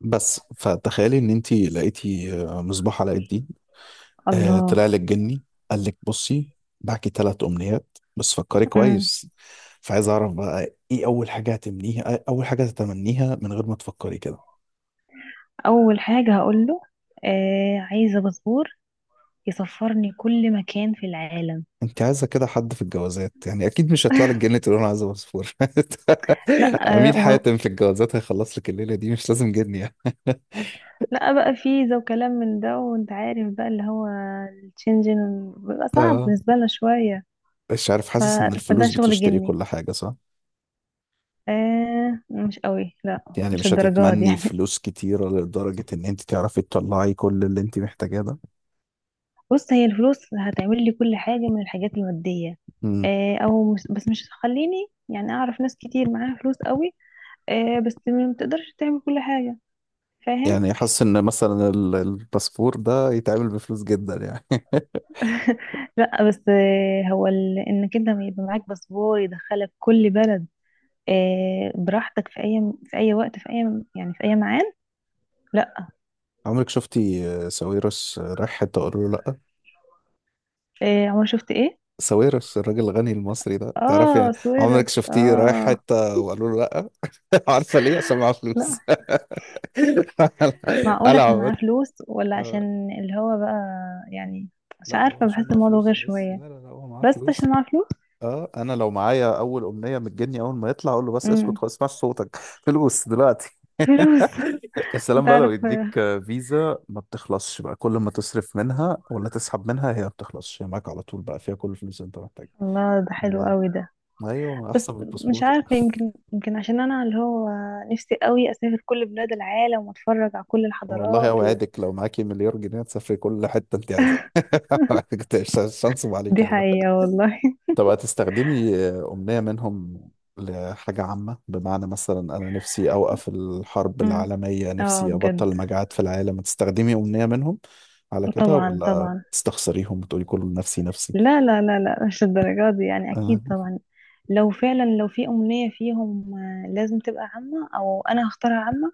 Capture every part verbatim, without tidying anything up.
بس فتخيلي ان انت لقيتي آه، مصباح علاء الدين. آه، الله. طلع لك جني قال لك بصي، معاكي ثلاث امنيات بس فكري امم. كويس، فعايز اعرف بقى ايه اول حاجه هتمنيها آه، اول حاجه تتمنيها من غير ما تفكري كده؟ اول حاجه هقول له، آه عايزه باسبور يسفرني كل مكان في العالم. انت عايزه كده حد في الجوازات يعني، اكيد مش هيطلع لك جني تقول انا عايزه باسبور. لا. آه، امين لا وهو- حاتم في الجوازات هيخلص لك الليله دي، مش لازم جني يعني. لا بقى فيزا وكلام من ده، وانت عارف بقى اللي هو الشنجن بيبقى صعب اه، بالنسبه لنا شويه. مش عارف، ف... حاسس ان فده الفلوس شغل بتشتري جني. كل حاجه. آه مش قوي، لا. يعني مش مش الدرجات دي هتتمني يعني. فلوس كتيرة لدرجة إن أنت تعرفي تطلعي كل اللي أنت محتاجاه ده؟ بص، هي الفلوس هتعمل لي كل حاجه من الحاجات الماديه. مم. آه او مش... بس مش هتخليني، يعني اعرف ناس كتير معاها فلوس قوي. آه بس ما تقدرش تعمل كل حاجه. فاهم. يعني حاسس إن مثلا ال- الباسبور ده يتعمل بفلوس جدا يعني. لا بس، آه، هو ال- انك انت ما يبقى معاك باسبور يدخلك كل بلد. آه، براحتك في اي، في اي وقت، في اي، يعني في اي معاد. لا. عمرك شفتي آه، ساويرس آه، رايح حتة وقالوا له لأ؟ آه، عمر شفت ايه؟ ساويرس الراجل الغني المصري ده، تعرفي يعني. اه، عمرك سويرت، شفتيه رايح اه. حتة وقالوا له لأ؟ عارفة ليه؟ عشان معاه فلوس. لا. معقول قلع عشان معاه عمت. فلوس ولا آه، عشان اللي هو بقى. يعني مش لا، هو عارفه، عشان بحس معاه الموضوع فلوس غير بس، لا شويه. لا لا، هو معاه بس فلوس. عشان معاه فلوس. اه انا لو معايا اول امنيه من الجني، اول ما يطلع اقول له بس، اسكت امم. خلاص اسمعش صوتك، فلوس دلوقتي. فلوس. يا سلام بقى لو تعرف يديك آه، فيزا ما بتخلصش، بقى كل ما تصرف منها ولا تسحب منها هي ما بتخلصش، هي معاك على طول بقى فيها كل الفلوس اللي انت محتاجها. الله، ده حلو قوي yeah. ده. ايوه، ما بس احسن من مش الباسبور. عارفة، يمكن يمكن عشان أنا اللي هو نفسي قوي أسافر كل بلاد العالم وأتفرج على كل والله الحضارات و... اوعدك، لو معاكي مليار جنيه تسافري كل حته انت عايزاها. شانس عليك. دي حقيقة والله. طب هتستخدمي أمنية منهم لحاجة عامة؟ بمعنى مثلا أنا نفسي أوقف الحرب امم، العالمية، اه نفسي أبطل بجد. المجاعات في العالم. هتستخدمي أمنية منهم على كده، طبعا، ولا طبعا. تستخسريهم وتقولي كله نفسي نفسي؟ لا لا لا لا، مش الدرجات دي يعني، آه. أكيد طبعا. لو فعلا لو في أمنية فيهم، آه، لازم تبقى عامة، أو أنا هختارها عامة.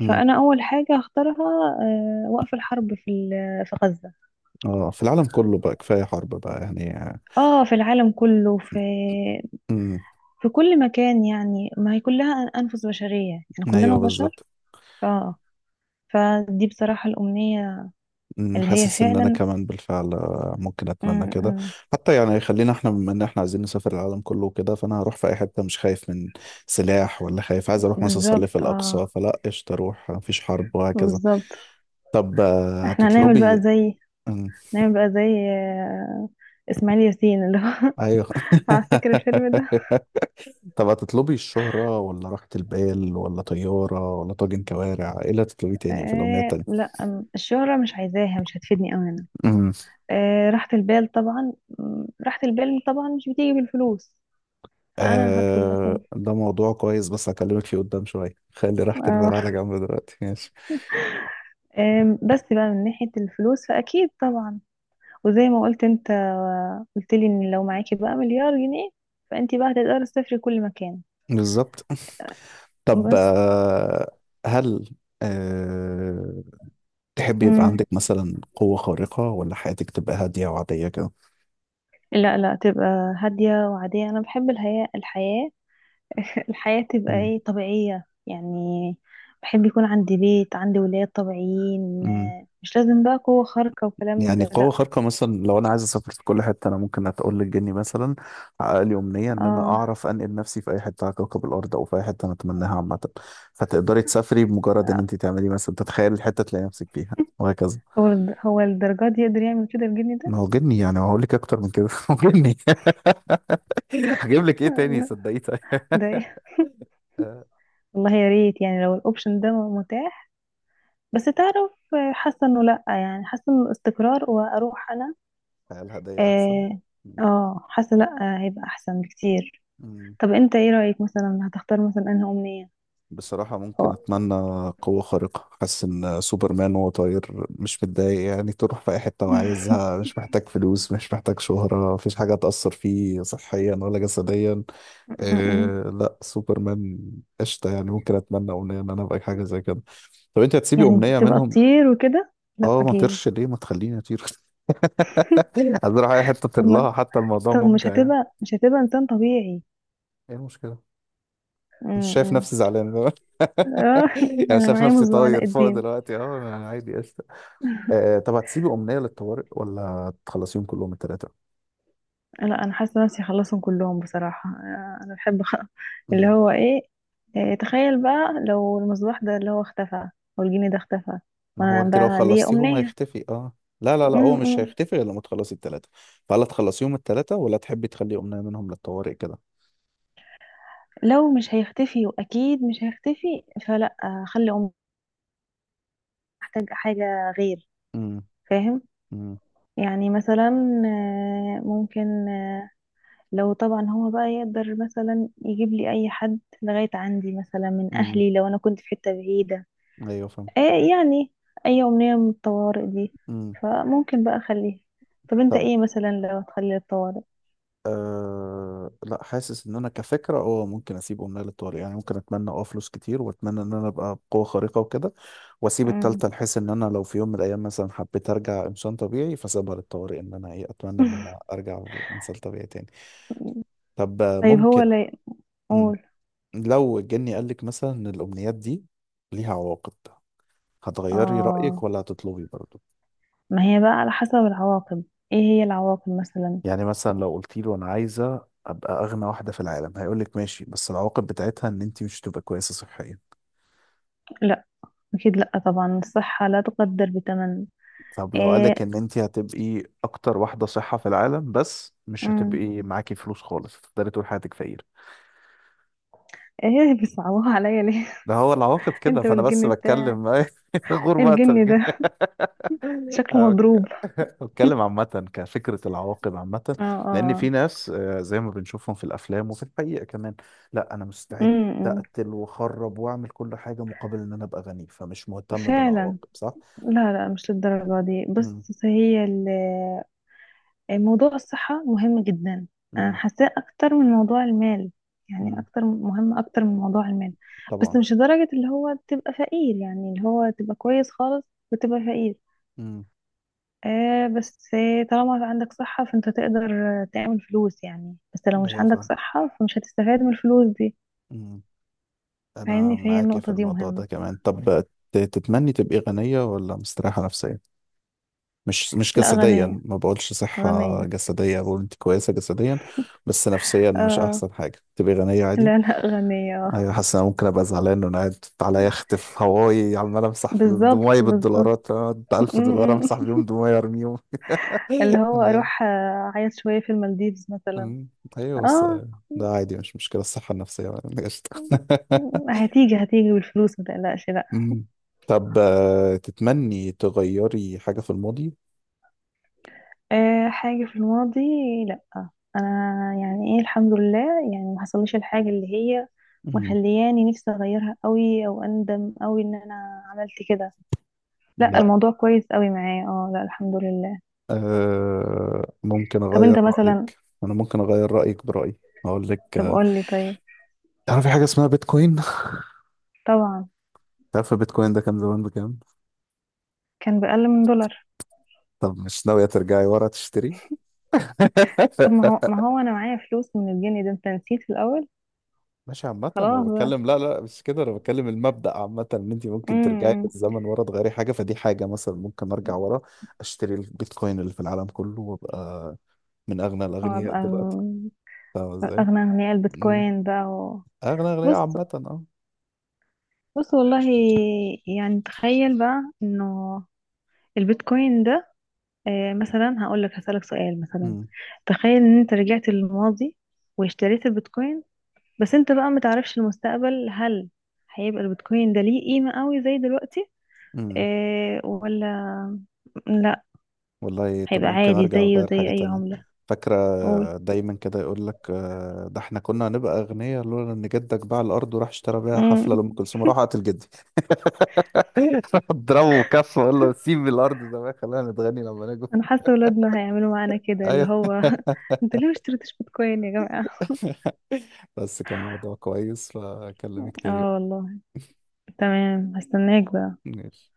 أمم. فأنا أول حاجة هختارها، آه، وقف الحرب في ال- في غزة. آه. في العالم كله بقى، كفاية حرب بقى يعني. آه، اه، في العالم كله. في امم. في كل مكان يعني، ما هي كلها أنفس بشرية، يعني كلنا ايوه بشر. بالظبط. اه، فدي بصراحة الأمنية أمم، اللي هي حاسس ان انا فعلا كمان بالفعل آه، ممكن م- اتمنى كده م. حتى. يعني خلينا احنا، بما ان احنا عايزين نسافر العالم كله وكده، فانا هروح في اي حته مش خايف من سلاح، ولا خايف. عايز اروح مثلا اصلي في بالظبط، الاقصى، اه، فلا قشطه اروح مفيش حرب وهكذا. بالظبط. طب آه، احنا هنعمل بقى هتطلبي. زي أمم، هنعمل بقى زي آه، إسماعيل ياسين، اللي هو ايوه. على، فاكر الفيلم ده؟ طب هتطلبي الشهرة ولا راحة البال ولا طيارة ولا طاجن كوارع؟ ايه اللي هتطلبيه تاني في الأمنية آه التانية؟ لا، أم- الشهرة مش عايزاها، مش هتفيدني أوي أنا. آه راحة البال طبعا. م، راحة البال طبعا مش بتيجي بالفلوس. فأنا هطلب آه، مثلا. ده موضوع كويس، بس هكلمك فيه قدام شوية. خلي راحة البال على آه جنب دلوقتي، ماشي. آم، بس بقى من ناحية الفلوس فأكيد طبعا. وزي ما قلت انت، قلت لي ان لو معاكي بقى مليار جنيه، فانت بقى هتقدري تسافري كل مكان. بالظبط. طب بس. آه، هل آه تحب يبقى مم. عندك مثلا قوة خارقة ولا حياتك تبقى هادية وعادية كده؟ لا لا، تبقى هادية وعادية. انا بحب الحياة. الحياة الحياة تبقى مم. ايه، طبيعية يعني. بحب يكون عندي بيت، عندي ولاد طبيعيين. مم. مش لازم بقى قوة خارقة وكلام من يعني ده، قوة لا. خارقة، مثلا لو أنا عايز أسافر في كل حتة، أنا ممكن أتقول للجني مثلا، حقق لي أمنية إن أنا اه، أعرف أنقل نفسي في أي حتة على كوكب الأرض أو في أي حتة أنا أتمناها عامة. فتقدري تسافري بمجرد إن أنت تعملي، مثلا تتخيلي الحتة تلاقي نفسك فيها وهكذا. هو هو الدرجات دي يقدر يعمل كده الجني ده؟ ما هو جني يعني، هقول لك اكتر من كده. هو جني. هجيب لك ايه تاني؟ لا، صدقيه طيب. ده ايه؟ آه، والله يا ريت، يعني لو الاوبشن ده متاح. بس تعرف، آه، حاسه انه لا يعني حاسه انه الاستقرار، واروح انا. الهدايا احسن. اه. آه، حاسه، لا، آه، هيبقى احسن بكتير. مم. طب انت ايه رايك، مثلا هتختار مثلا انهي امنيه؟ بصراحة ممكن هو- أتمنى قوة خارقة. حاسس إن سوبرمان وهو طاير مش متضايق يعني، تروح في أي حتة م-م. وعايزها، مش محتاج فلوس، مش محتاج شهرة، مفيش حاجة تأثر فيه صحيا ولا جسديا. إيه لا، سوبرمان، قشطة يعني. ممكن أتمنى أمنية إن أنا أبقى حاجة زي كده. طب أنت هتسيبي يعني أمنية تبقى منهم؟ تطير وكده، لا أه، ما اكيد. طيرش ليه؟ ما تخليني أطير. عايز اروح اي حته طب ما ترلها، حتى الموضوع طب مش ممتع يعني. هتبقى مش هتبقى انسان طبيعي. ايه المشكله؟ مش م- شايف م. نفسي زعلان. آه، يعني انا شايف معايا نفسي مصباح طاير علاء فوق الدين. دلوقتي، اه انا عادي، قشطه. آه طب هتسيبي امنيه للطوارئ ولا تخلصيهم كلهم الثلاثه؟ لا، انا حاسه نفسي اخلصهم كلهم بصراحه، آه، انا بحب أخ- اللي امم. هو ايه. آه، تخيل بقى لو المصباح ده اللي هو اختفى، او الجني ده اختفى، ما هو وانا انت لو بقى ليا خلصتيهم امنيه. هيختفي، اه. لا لا لا، هو م- مش م. هيختفي غير لما تخلصي الثلاثه. فهل تخلصيهم الثلاثه ولا تحبي تخلي امنيه منهم للطوارئ كده؟ لو مش هيختفي، واكيد مش هيختفي، فلا، آه، خلي امنيه احتاج حاجه غير. امم فاهم. امم يعني مثلا، آه، ممكن. آه، لو طبعا هو بقى يقدر مثلا يجيب لي اي حد لغايه عندي مثلا من امم. اهلي، لو انا كنت في حته بعيده. ايوه فاهم. ايه يعني، اي امنية من الطوارئ دي، امم. فممكن بقى اخليها. طب انت طب ايه مثلا لو تخلي الطوارئ؟ أه، لا، حاسس ان انا كفكره اه ممكن اسيب امنيه للطوارئ. يعني ممكن اتمنى اه فلوس كتير، واتمنى ان انا ابقى بقوه خارقه وكده، واسيب مم. التالتة بحيث ان انا لو في يوم من الايام مثلا حبيت ارجع انسان طبيعي، فسيبها للطوارئ ان انا ايه، اتمنى ان انا ارجع انسان طبيعي تاني. طب آه، طيب، هو، ممكن. لا مم. يقول. لو الجني قال لك مثلا ان الامنيات دي ليها عواقب، هتغيري رايك اه، ولا هتطلبي برضه؟ ما هي بقى على حسب العواقب. ايه هي العواقب مثلا؟ يعني مثلا، لو قلت له انا عايزه ابقى اغنى واحده في العالم، هيقول لك ماشي، بس العواقب بتاعتها ان انت مش هتبقى كويسه صحيا. لا، اكيد لا، طبعا الصحة لا تقدر بثمن. طب لو ايه. قالك ان انت هتبقي اكتر واحدة صحة في العالم، بس مش مم. هتبقي معاكي فلوس خالص، هتفضلي طول حياتك فقير. ايه بيصعبوها عليا ليه؟ ده هو العواقب كده، انت فانا بس والجن بتاع بتكلم. الجن غربتك. ده انا شكله مضروب. بك- بتكلم عامة، كفكرة، العواقب عامة. اه، لان في اه. ناس آه، زي ما بنشوفهم في الافلام وفي الحقيقة كمان، لا انا مستعد امم. اقتل واخرب واعمل كل حاجة مقابل ان انا ابقى غني، فمش مهتم فعلا. بالعواقب صح؟ لا لا، مش للدرجة دي، امم. بس هي ال موضوع الصحة مهم جدا. أنا امم. حاساه أكتر من موضوع المال، يعني امم. أكتر مهم أكتر من موضوع المال. طبعا. بس مش لدرجة اللي هو تبقى فقير، يعني اللي هو تبقى كويس خالص وتبقى فقير. امم. آه بس طالما عندك صحة، فأنت تقدر تعمل فلوس يعني. بس لو مش ايوه عندك فاهم. صحة، فمش هتستفاد من الفلوس دي. إمم. انا فاهمني، فهي معاك في النقطة دي الموضوع مهمة. ده كمان. طب ت- تتمني تبقي غنية ولا مستريحة نفسيا؟ مش مش لا، جسديا، غنية. ما بقولش صحة غنية. جسدية، بقول انت كويسة جسديا بس نفسيا مش آه احسن حاجة، تبقي غنية عادي. لا لا، غنية آه. ايوه حاسس إن انا ممكن ابقى زعلان وانا قاعد على يخت في هواي، عمال امسح فلوس بالظبط، دموعي بالظبط. بالدولارات. أقعد ألف دولار امسح بيهم دموعي، ارميهم. اللي هو أنا- اروح، آه، اعيط شويه في المالديفز مثلا. أمم، ايوه بس اه، ده عادي، مش مشكلة الصحة النفسية. قشطة. هتيجي هتيجي بالفلوس، ما تقلقش، لا. مم. طب آه، تتمني تغيري حاجة في الماضي؟ أه، حاجه في الماضي؟ لا، انا يعني، ايه، الحمد لله. يعني ما حصلش الحاجه اللي هي مم. مخلياني نفسي اغيرها قوي، او اندم قوي ان انا عملت كده. لا، لا. الموضوع كويس قوي معايا، اه، لا، الحمد لله. آه، ممكن طب أغير انت مثلا. رأيك. أنا ممكن أغير رأيك برأيي. هقول لك طب آه، قول لي طيب. تعرف في حاجة اسمها بيتكوين؟ طبعا. تعرف بيتكوين ده كان زمان بكام؟ كان بأقل من دولار. طب مش ناوية ترجعي ورا تشتري؟ طب ما هو، ما هو انا معايا فلوس من الجنيه ده، انت نسيت في الاول. ماشي عامة أنا خلاص بقى. بتكلم، لا لا مش كده، أنا بتكلم المبدأ عامة إن أنت ممكن امم، ترجعي إمم. بالزمن ورا تغيري حاجة، فدي حاجة مثلا ممكن أرجع ورا أشتري البيتكوين اللي في العالم كله وأبقى من أغنى الأغنياء وابقى دلوقتي، فاهم إزاي؟ اغنى اغنياء مم. البيتكوين بقى و... أغنى أغنية بص، عامة اه. بص، والله. يعني تخيل بقى انه البيتكوين ده، آه، مثلا هقول لك هسألك سؤال مثلا. مم. تخيل ان انت رجعت للماضي واشتريت البيتكوين، بس انت بقى متعرفش المستقبل. هل هيبقى البيتكوين ده ليه قيمة قوي زي دلوقتي؟ مم. اه، ولا لا. والله طب هيبقى ممكن عادي، أرجع زيه أغير زي حاجة اي تانية. عملة. فاكرة قول. دايما كده يقول لك آه، ده احنا كنا هنبقى أغنياء لولا إن جدك باع الأرض وراح اشترى بيها مم. حفلة لأم كلثوم، راح قتل جدي. راح اضربه بكف وأقول له سيب الأرض زمان خلينا نتغني لما نجوا. انا حاسة ولادنا هيعملوا معانا كده، اللي أيوه. هو انتوا ليه ما اشتريتوش بيتكوين يا جماعة؟ بس كان موضوع كويس، فأكلمك تاني اه، بقى. والله. تمام، هستناك بقى. ماشي.